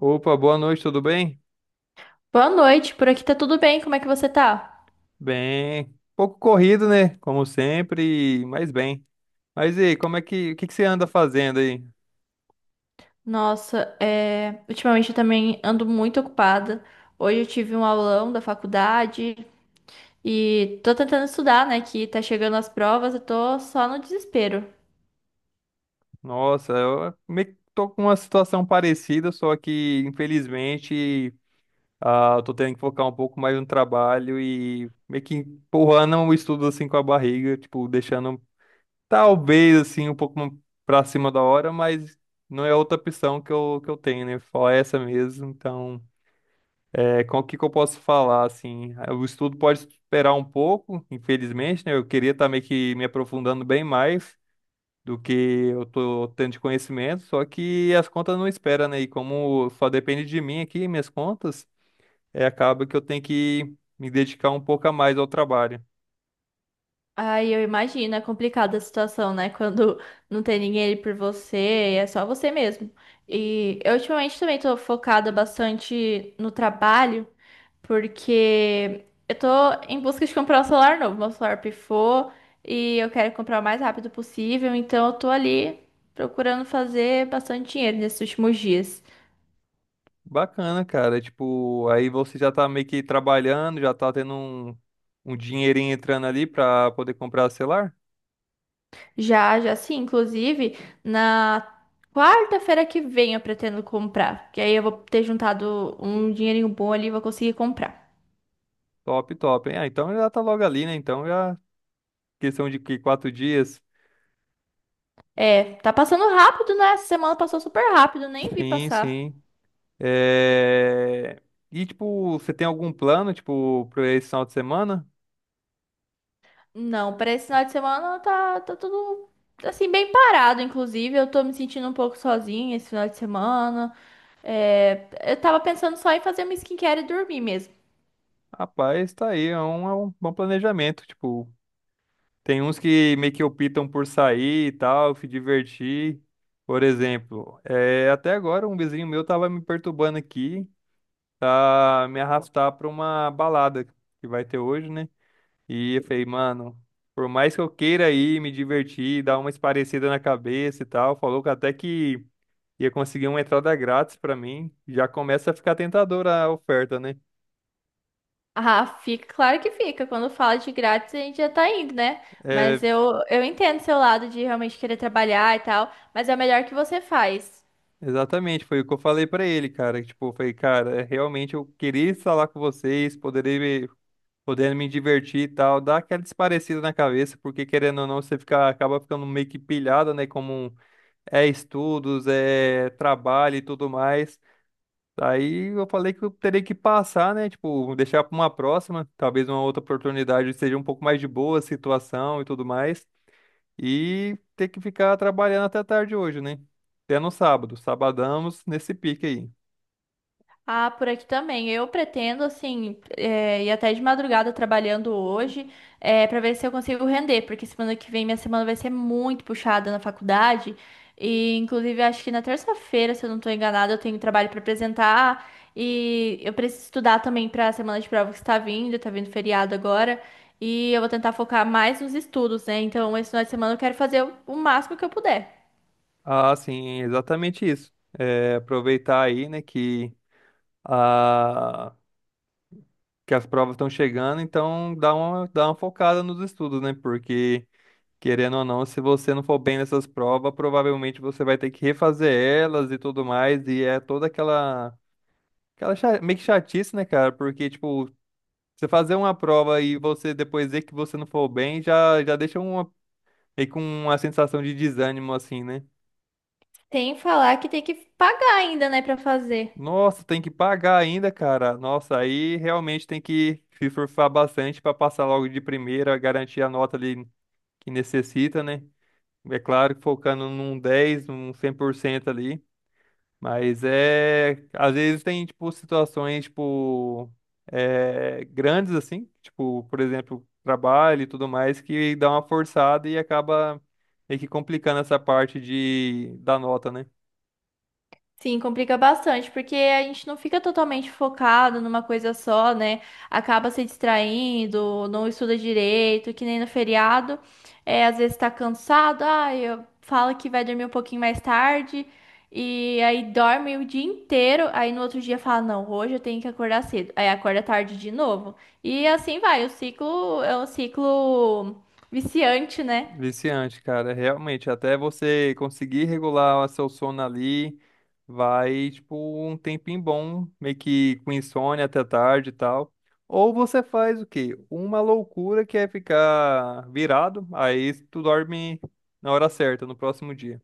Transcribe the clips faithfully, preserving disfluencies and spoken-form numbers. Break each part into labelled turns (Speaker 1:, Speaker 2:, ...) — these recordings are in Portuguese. Speaker 1: Opa, boa noite, tudo bem?
Speaker 2: Boa noite, por aqui tá tudo bem, como é que você tá?
Speaker 1: Bem, pouco corrido, né? Como sempre, mas bem. Mas e aí, como é que, o que que você anda fazendo aí?
Speaker 2: Nossa, é, ultimamente eu também ando muito ocupada. Hoje eu tive um aulão da faculdade e tô tentando estudar, né? Que tá chegando as provas, eu tô só no desespero.
Speaker 1: Nossa, eu meio que tô com uma situação parecida, só que infelizmente ah, eu tô tendo que focar um pouco mais no trabalho e meio que empurrando o estudo assim com a barriga, tipo, deixando talvez assim um pouco pra cima da hora, mas não é outra opção que eu, que eu tenho, né? Só essa mesmo, então. É, com o que que eu posso falar, assim, ah, o estudo pode esperar um pouco, infelizmente, né? Eu queria estar meio que me aprofundando bem mais do que eu tô tendo de conhecimento, só que as contas não esperam, né? E como só depende de mim aqui, minhas contas, é, acaba que eu tenho que me dedicar um pouco a mais ao trabalho.
Speaker 2: Ai, eu imagino, é complicada a situação, né? Quando não tem ninguém ali por você, é só você mesmo. E eu ultimamente também tô focada bastante no trabalho, porque eu tô em busca de comprar um celular novo. Meu celular pifou e eu quero comprar o mais rápido possível, então eu tô ali procurando fazer bastante dinheiro nesses últimos dias.
Speaker 1: Bacana, cara, tipo, aí você já tá meio que trabalhando, já tá tendo um, um dinheirinho entrando ali pra poder comprar celular?
Speaker 2: Já, já sim. Inclusive, na quarta-feira que vem eu pretendo comprar. Que aí eu vou ter juntado um dinheirinho bom ali e vou conseguir comprar.
Speaker 1: Top, top, hein? Ah, então já tá logo ali, né? Então já. Questão de que, quatro dias?
Speaker 2: É, tá passando rápido, né? Essa semana passou super rápido, nem vi
Speaker 1: Sim,
Speaker 2: passar.
Speaker 1: sim. É. E, tipo, você tem algum plano, tipo, para esse final de semana?
Speaker 2: Não, para esse final de semana tá, tá tudo assim, bem parado, inclusive. Eu tô me sentindo um pouco sozinha esse final de semana. É, eu tava pensando só em fazer uma skincare e dormir mesmo.
Speaker 1: Rapaz, tá aí, é um, é um bom planejamento. Tipo, tem uns que meio que optam por sair e tal, se divertir. Por exemplo, é, até agora um vizinho meu tava me perturbando aqui, tá me arrastar pra uma balada que vai ter hoje, né? E eu falei, mano, por mais que eu queira ir me divertir, dar uma esparecida na cabeça e tal, falou que até que ia conseguir uma entrada grátis pra mim, já começa a ficar tentadora a oferta, né?
Speaker 2: Ah, fica, claro que fica. Quando fala de grátis, a gente já tá indo, né? Mas
Speaker 1: É,
Speaker 2: eu, eu entendo seu lado de realmente querer trabalhar e tal, mas é o melhor que você faz.
Speaker 1: exatamente, foi o que eu falei pra ele, cara. que, Tipo, eu falei, cara, é, realmente eu queria estar lá com vocês, poderei me, podendo me divertir e tal, dar aquela esparecida na cabeça, porque querendo ou não, você fica, acaba ficando meio que pilhado, né? Como é estudos, é trabalho e tudo mais. Aí eu falei que eu terei que passar, né? Tipo, deixar para uma próxima, talvez uma outra oportunidade seja um pouco mais de boa a situação e tudo mais. E ter que ficar trabalhando até tarde hoje, né? Até no sábado. Sabadamos nesse pique aí.
Speaker 2: Ah, por aqui também. Eu pretendo, assim, eh, ir até de madrugada trabalhando hoje, eh, pra ver se eu consigo render, porque semana que vem minha semana vai ser muito puxada na faculdade. E, inclusive, acho que na terça-feira, se eu não tô enganada, eu tenho trabalho pra apresentar. E eu preciso estudar também pra semana de prova que está vindo, tá vindo feriado agora. E eu vou tentar focar mais nos estudos, né? Então, esse final de semana eu quero fazer o o máximo que eu puder.
Speaker 1: Ah, sim, exatamente isso. É, aproveitar aí, né, que, a, que as provas estão chegando, então dá uma, dá uma focada nos estudos, né? Porque, querendo ou não, se você não for bem nessas provas, provavelmente você vai ter que refazer elas e tudo mais, e é toda aquela, aquela cha- meio que chatice, né, cara? Porque, tipo, você fazer uma prova e você depois ver que você não for bem, já, já deixa uma, meio com uma sensação de desânimo, assim, né?
Speaker 2: Sem falar que tem que pagar ainda, né, pra fazer.
Speaker 1: Nossa, tem que pagar ainda, cara. Nossa, aí realmente tem que se surfar bastante para passar logo de primeira, garantir a nota ali que necessita, né? É claro que focando num dez, num cem por cento ali. Mas é. Às vezes tem, tipo, situações, tipo, é, grandes, assim. Tipo, por exemplo, trabalho e tudo mais, que dá uma forçada e acaba meio que complicando essa parte de, da nota, né?
Speaker 2: Sim, complica bastante, porque a gente não fica totalmente focado numa coisa só, né? Acaba se distraindo, não estuda direito, que nem no feriado. É, às vezes tá cansado, ah, eu fala que vai dormir um pouquinho mais tarde, e aí dorme o dia inteiro, aí no outro dia fala, não, hoje eu tenho que acordar cedo. Aí acorda tarde de novo. E assim vai, o ciclo é um ciclo viciante, né?
Speaker 1: Viciante, cara, realmente, até você conseguir regular seu sono ali, vai, tipo, um tempinho bom, meio que com insônia até tarde e tal. Ou você faz o quê? Uma loucura que é ficar virado, aí tu dorme na hora certa, no próximo dia.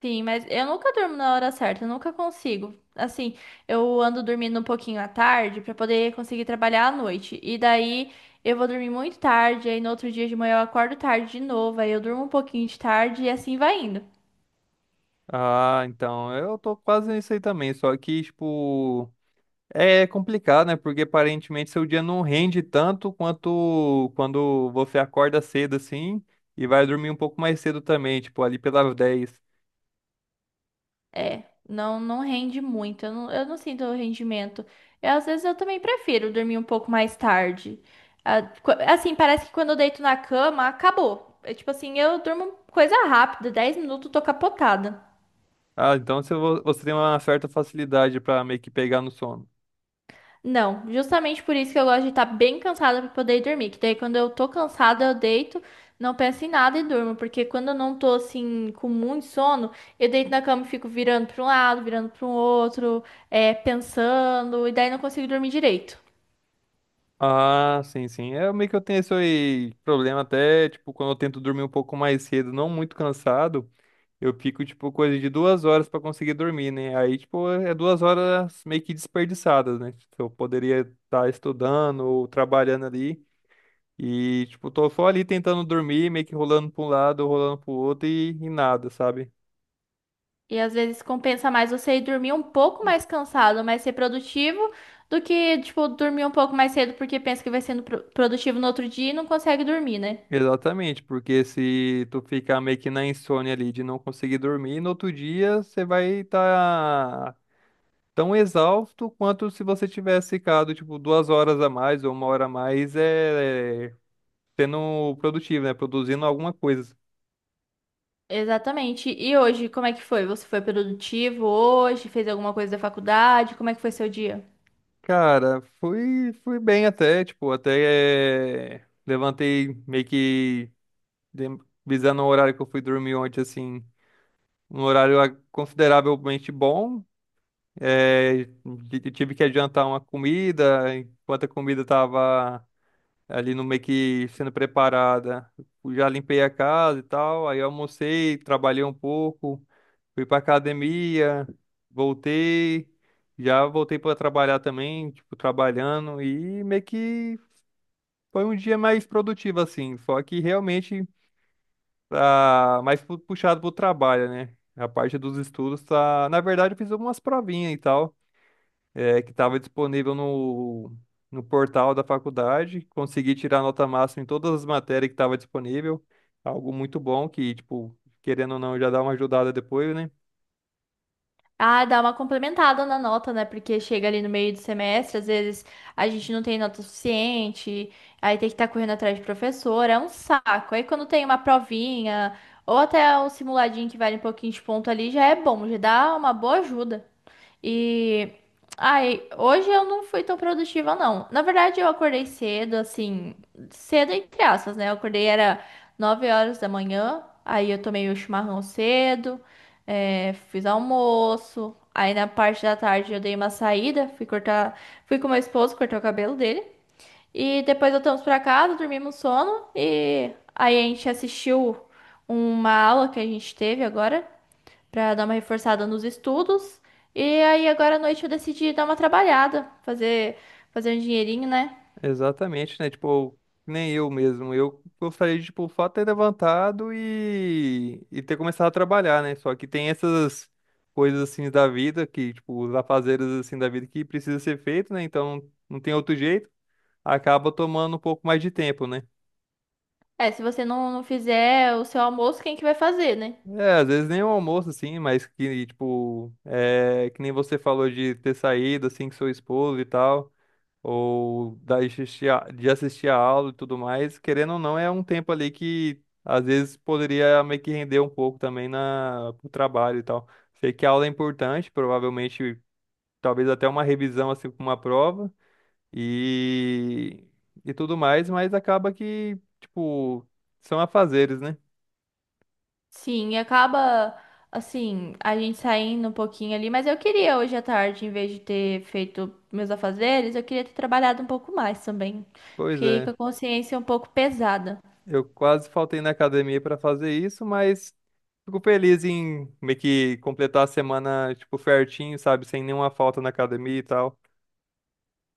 Speaker 2: Sim, mas eu nunca durmo na hora certa, eu nunca consigo. Assim, eu ando dormindo um pouquinho à tarde pra poder conseguir trabalhar à noite. E daí eu vou dormir muito tarde, aí no outro dia de manhã eu acordo tarde de novo, aí eu durmo um pouquinho de tarde e assim vai indo.
Speaker 1: Ah, então, eu tô quase nisso aí também, só que, tipo, é complicado, né? Porque aparentemente seu dia não rende tanto quanto quando você acorda cedo assim e vai dormir um pouco mais cedo também, tipo ali pelas dez.
Speaker 2: É, não não rende muito, eu não, eu não sinto rendimento. Eu, às vezes eu também prefiro dormir um pouco mais tarde. Ah, qu- Assim, parece que quando eu deito na cama, acabou. É tipo assim, eu durmo coisa rápida, dez minutos, tô capotada.
Speaker 1: Ah, então você vo- você tem uma certa facilidade pra meio que pegar no sono.
Speaker 2: Não, justamente por isso que eu gosto de estar bem cansada para poder dormir. Que daí quando eu tô cansada, eu deito, não penso em nada e durmo. Porque quando eu não tô assim com muito sono, eu deito na cama e fico virando para um lado, virando para o outro, é, pensando, e daí não consigo dormir direito.
Speaker 1: Ah, sim, sim. É meio que eu tenho esse aí problema até, tipo, quando eu tento dormir um pouco mais cedo, não muito cansado, eu fico, tipo, coisa de duas horas pra conseguir dormir, né? Aí, tipo, é duas horas meio que desperdiçadas, né? Tipo, eu poderia estar estudando ou trabalhando ali. E, tipo, tô só ali tentando dormir, meio que rolando pra um lado, rolando pro outro e, e nada, sabe?
Speaker 2: E às vezes compensa mais você ir dormir um pouco mais cansado, mas ser produtivo, do que, tipo, dormir um pouco mais cedo porque pensa que vai sendo pro- produtivo no outro dia e não consegue dormir, né?
Speaker 1: Exatamente, porque se tu ficar meio que na insônia ali de não conseguir dormir, no outro dia você vai estar tão exausto quanto se você tivesse ficado, tipo, duas horas a mais ou uma hora a mais, é, é, sendo produtivo, né? Produzindo alguma coisa.
Speaker 2: Exatamente. E hoje, como é que foi? Você foi produtivo hoje? Fez alguma coisa da faculdade? Como é que foi seu dia?
Speaker 1: Cara, fui, fui bem até, tipo, até é, levantei meio que. Dem- Visando o horário que eu fui dormir ontem, assim, um horário ah, consideravelmente bom. É, t- tive que adiantar uma comida, enquanto a comida estava ali no meio que sendo preparada. Eu já limpei a casa e tal, aí eu almocei, trabalhei um pouco, fui pra academia, voltei, já voltei para trabalhar também, tipo, trabalhando, e meio que foi um dia mais produtivo, assim. Só que realmente tá mais pu- puxado pro trabalho, né? A parte dos estudos tá. Na verdade, eu fiz algumas provinhas e tal, é, que tava disponível no, no portal da faculdade. Consegui tirar nota máxima em todas as matérias que tava disponível. Algo muito bom que, tipo, querendo ou não, já dá uma ajudada depois, né?
Speaker 2: Ah, dá uma complementada na nota, né? Porque chega ali no meio do semestre, às vezes a gente não tem nota suficiente, aí tem que estar correndo atrás de professor, é um saco. Aí quando tem uma provinha, ou até um simuladinho que vale um pouquinho de ponto ali, já é bom, já dá uma boa ajuda. E ai, hoje eu não fui tão produtiva, não. Na verdade, eu acordei cedo, assim, cedo entre aspas, né? Eu acordei era nove horas da manhã, aí eu tomei o chimarrão cedo. É, fiz almoço. Aí na parte da tarde eu dei uma saída, fui cortar, fui com meu esposo cortar o cabelo dele. E depois voltamos pra casa, dormimos sono e aí a gente assistiu uma aula que a gente teve agora pra dar uma reforçada nos estudos. E aí agora à noite eu decidi dar uma trabalhada, fazer fazer um dinheirinho, né?
Speaker 1: Exatamente, né? Tipo, nem eu mesmo. Eu gostaria de, tipo, o fato de ter levantado e, e ter começado a trabalhar, né? Só que tem essas coisas assim da vida que, tipo, os afazeres assim da vida que precisa ser feito, né? Então não tem outro jeito. Acaba tomando um pouco mais de tempo, né?
Speaker 2: É, se você não, não fizer o seu almoço, quem que vai fazer, né?
Speaker 1: É, às vezes nem o almoço, assim, mas que, tipo, é, que nem você falou de ter saído, assim, com seu esposo e tal. ou da- assistir a- de assistir a aula e tudo mais, querendo ou não, é um tempo ali que às vezes poderia meio que render um pouco também na pro trabalho e tal. Sei que a aula é importante, provavelmente talvez até uma revisão assim com uma prova e e tudo mais, mas acaba que, tipo, são afazeres, né?
Speaker 2: Sim, e acaba assim, a gente saindo um pouquinho ali, mas eu queria hoje à tarde, em vez de ter feito meus afazeres, eu queria ter trabalhado um pouco mais também.
Speaker 1: Pois
Speaker 2: Fiquei com
Speaker 1: é.
Speaker 2: a consciência um pouco pesada.
Speaker 1: Eu quase faltei na academia pra fazer isso, mas fico feliz em meio que completar a semana, tipo, certinho, sabe? Sem nenhuma falta na academia e tal.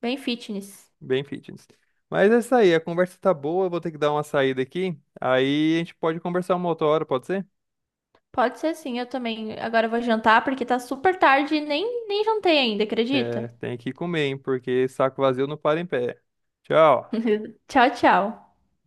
Speaker 2: Bem fitness.
Speaker 1: Bem fitness. Mas é isso aí, a conversa tá boa, eu vou ter que dar uma saída aqui. Aí a gente pode conversar uma outra hora, pode ser?
Speaker 2: Pode ser sim, eu também. Agora eu vou jantar porque tá super tarde e nem, nem jantei ainda,
Speaker 1: É,
Speaker 2: acredita?
Speaker 1: tem que comer, hein? Porque saco vazio não para em pé. Tchau.
Speaker 2: Tchau, tchau.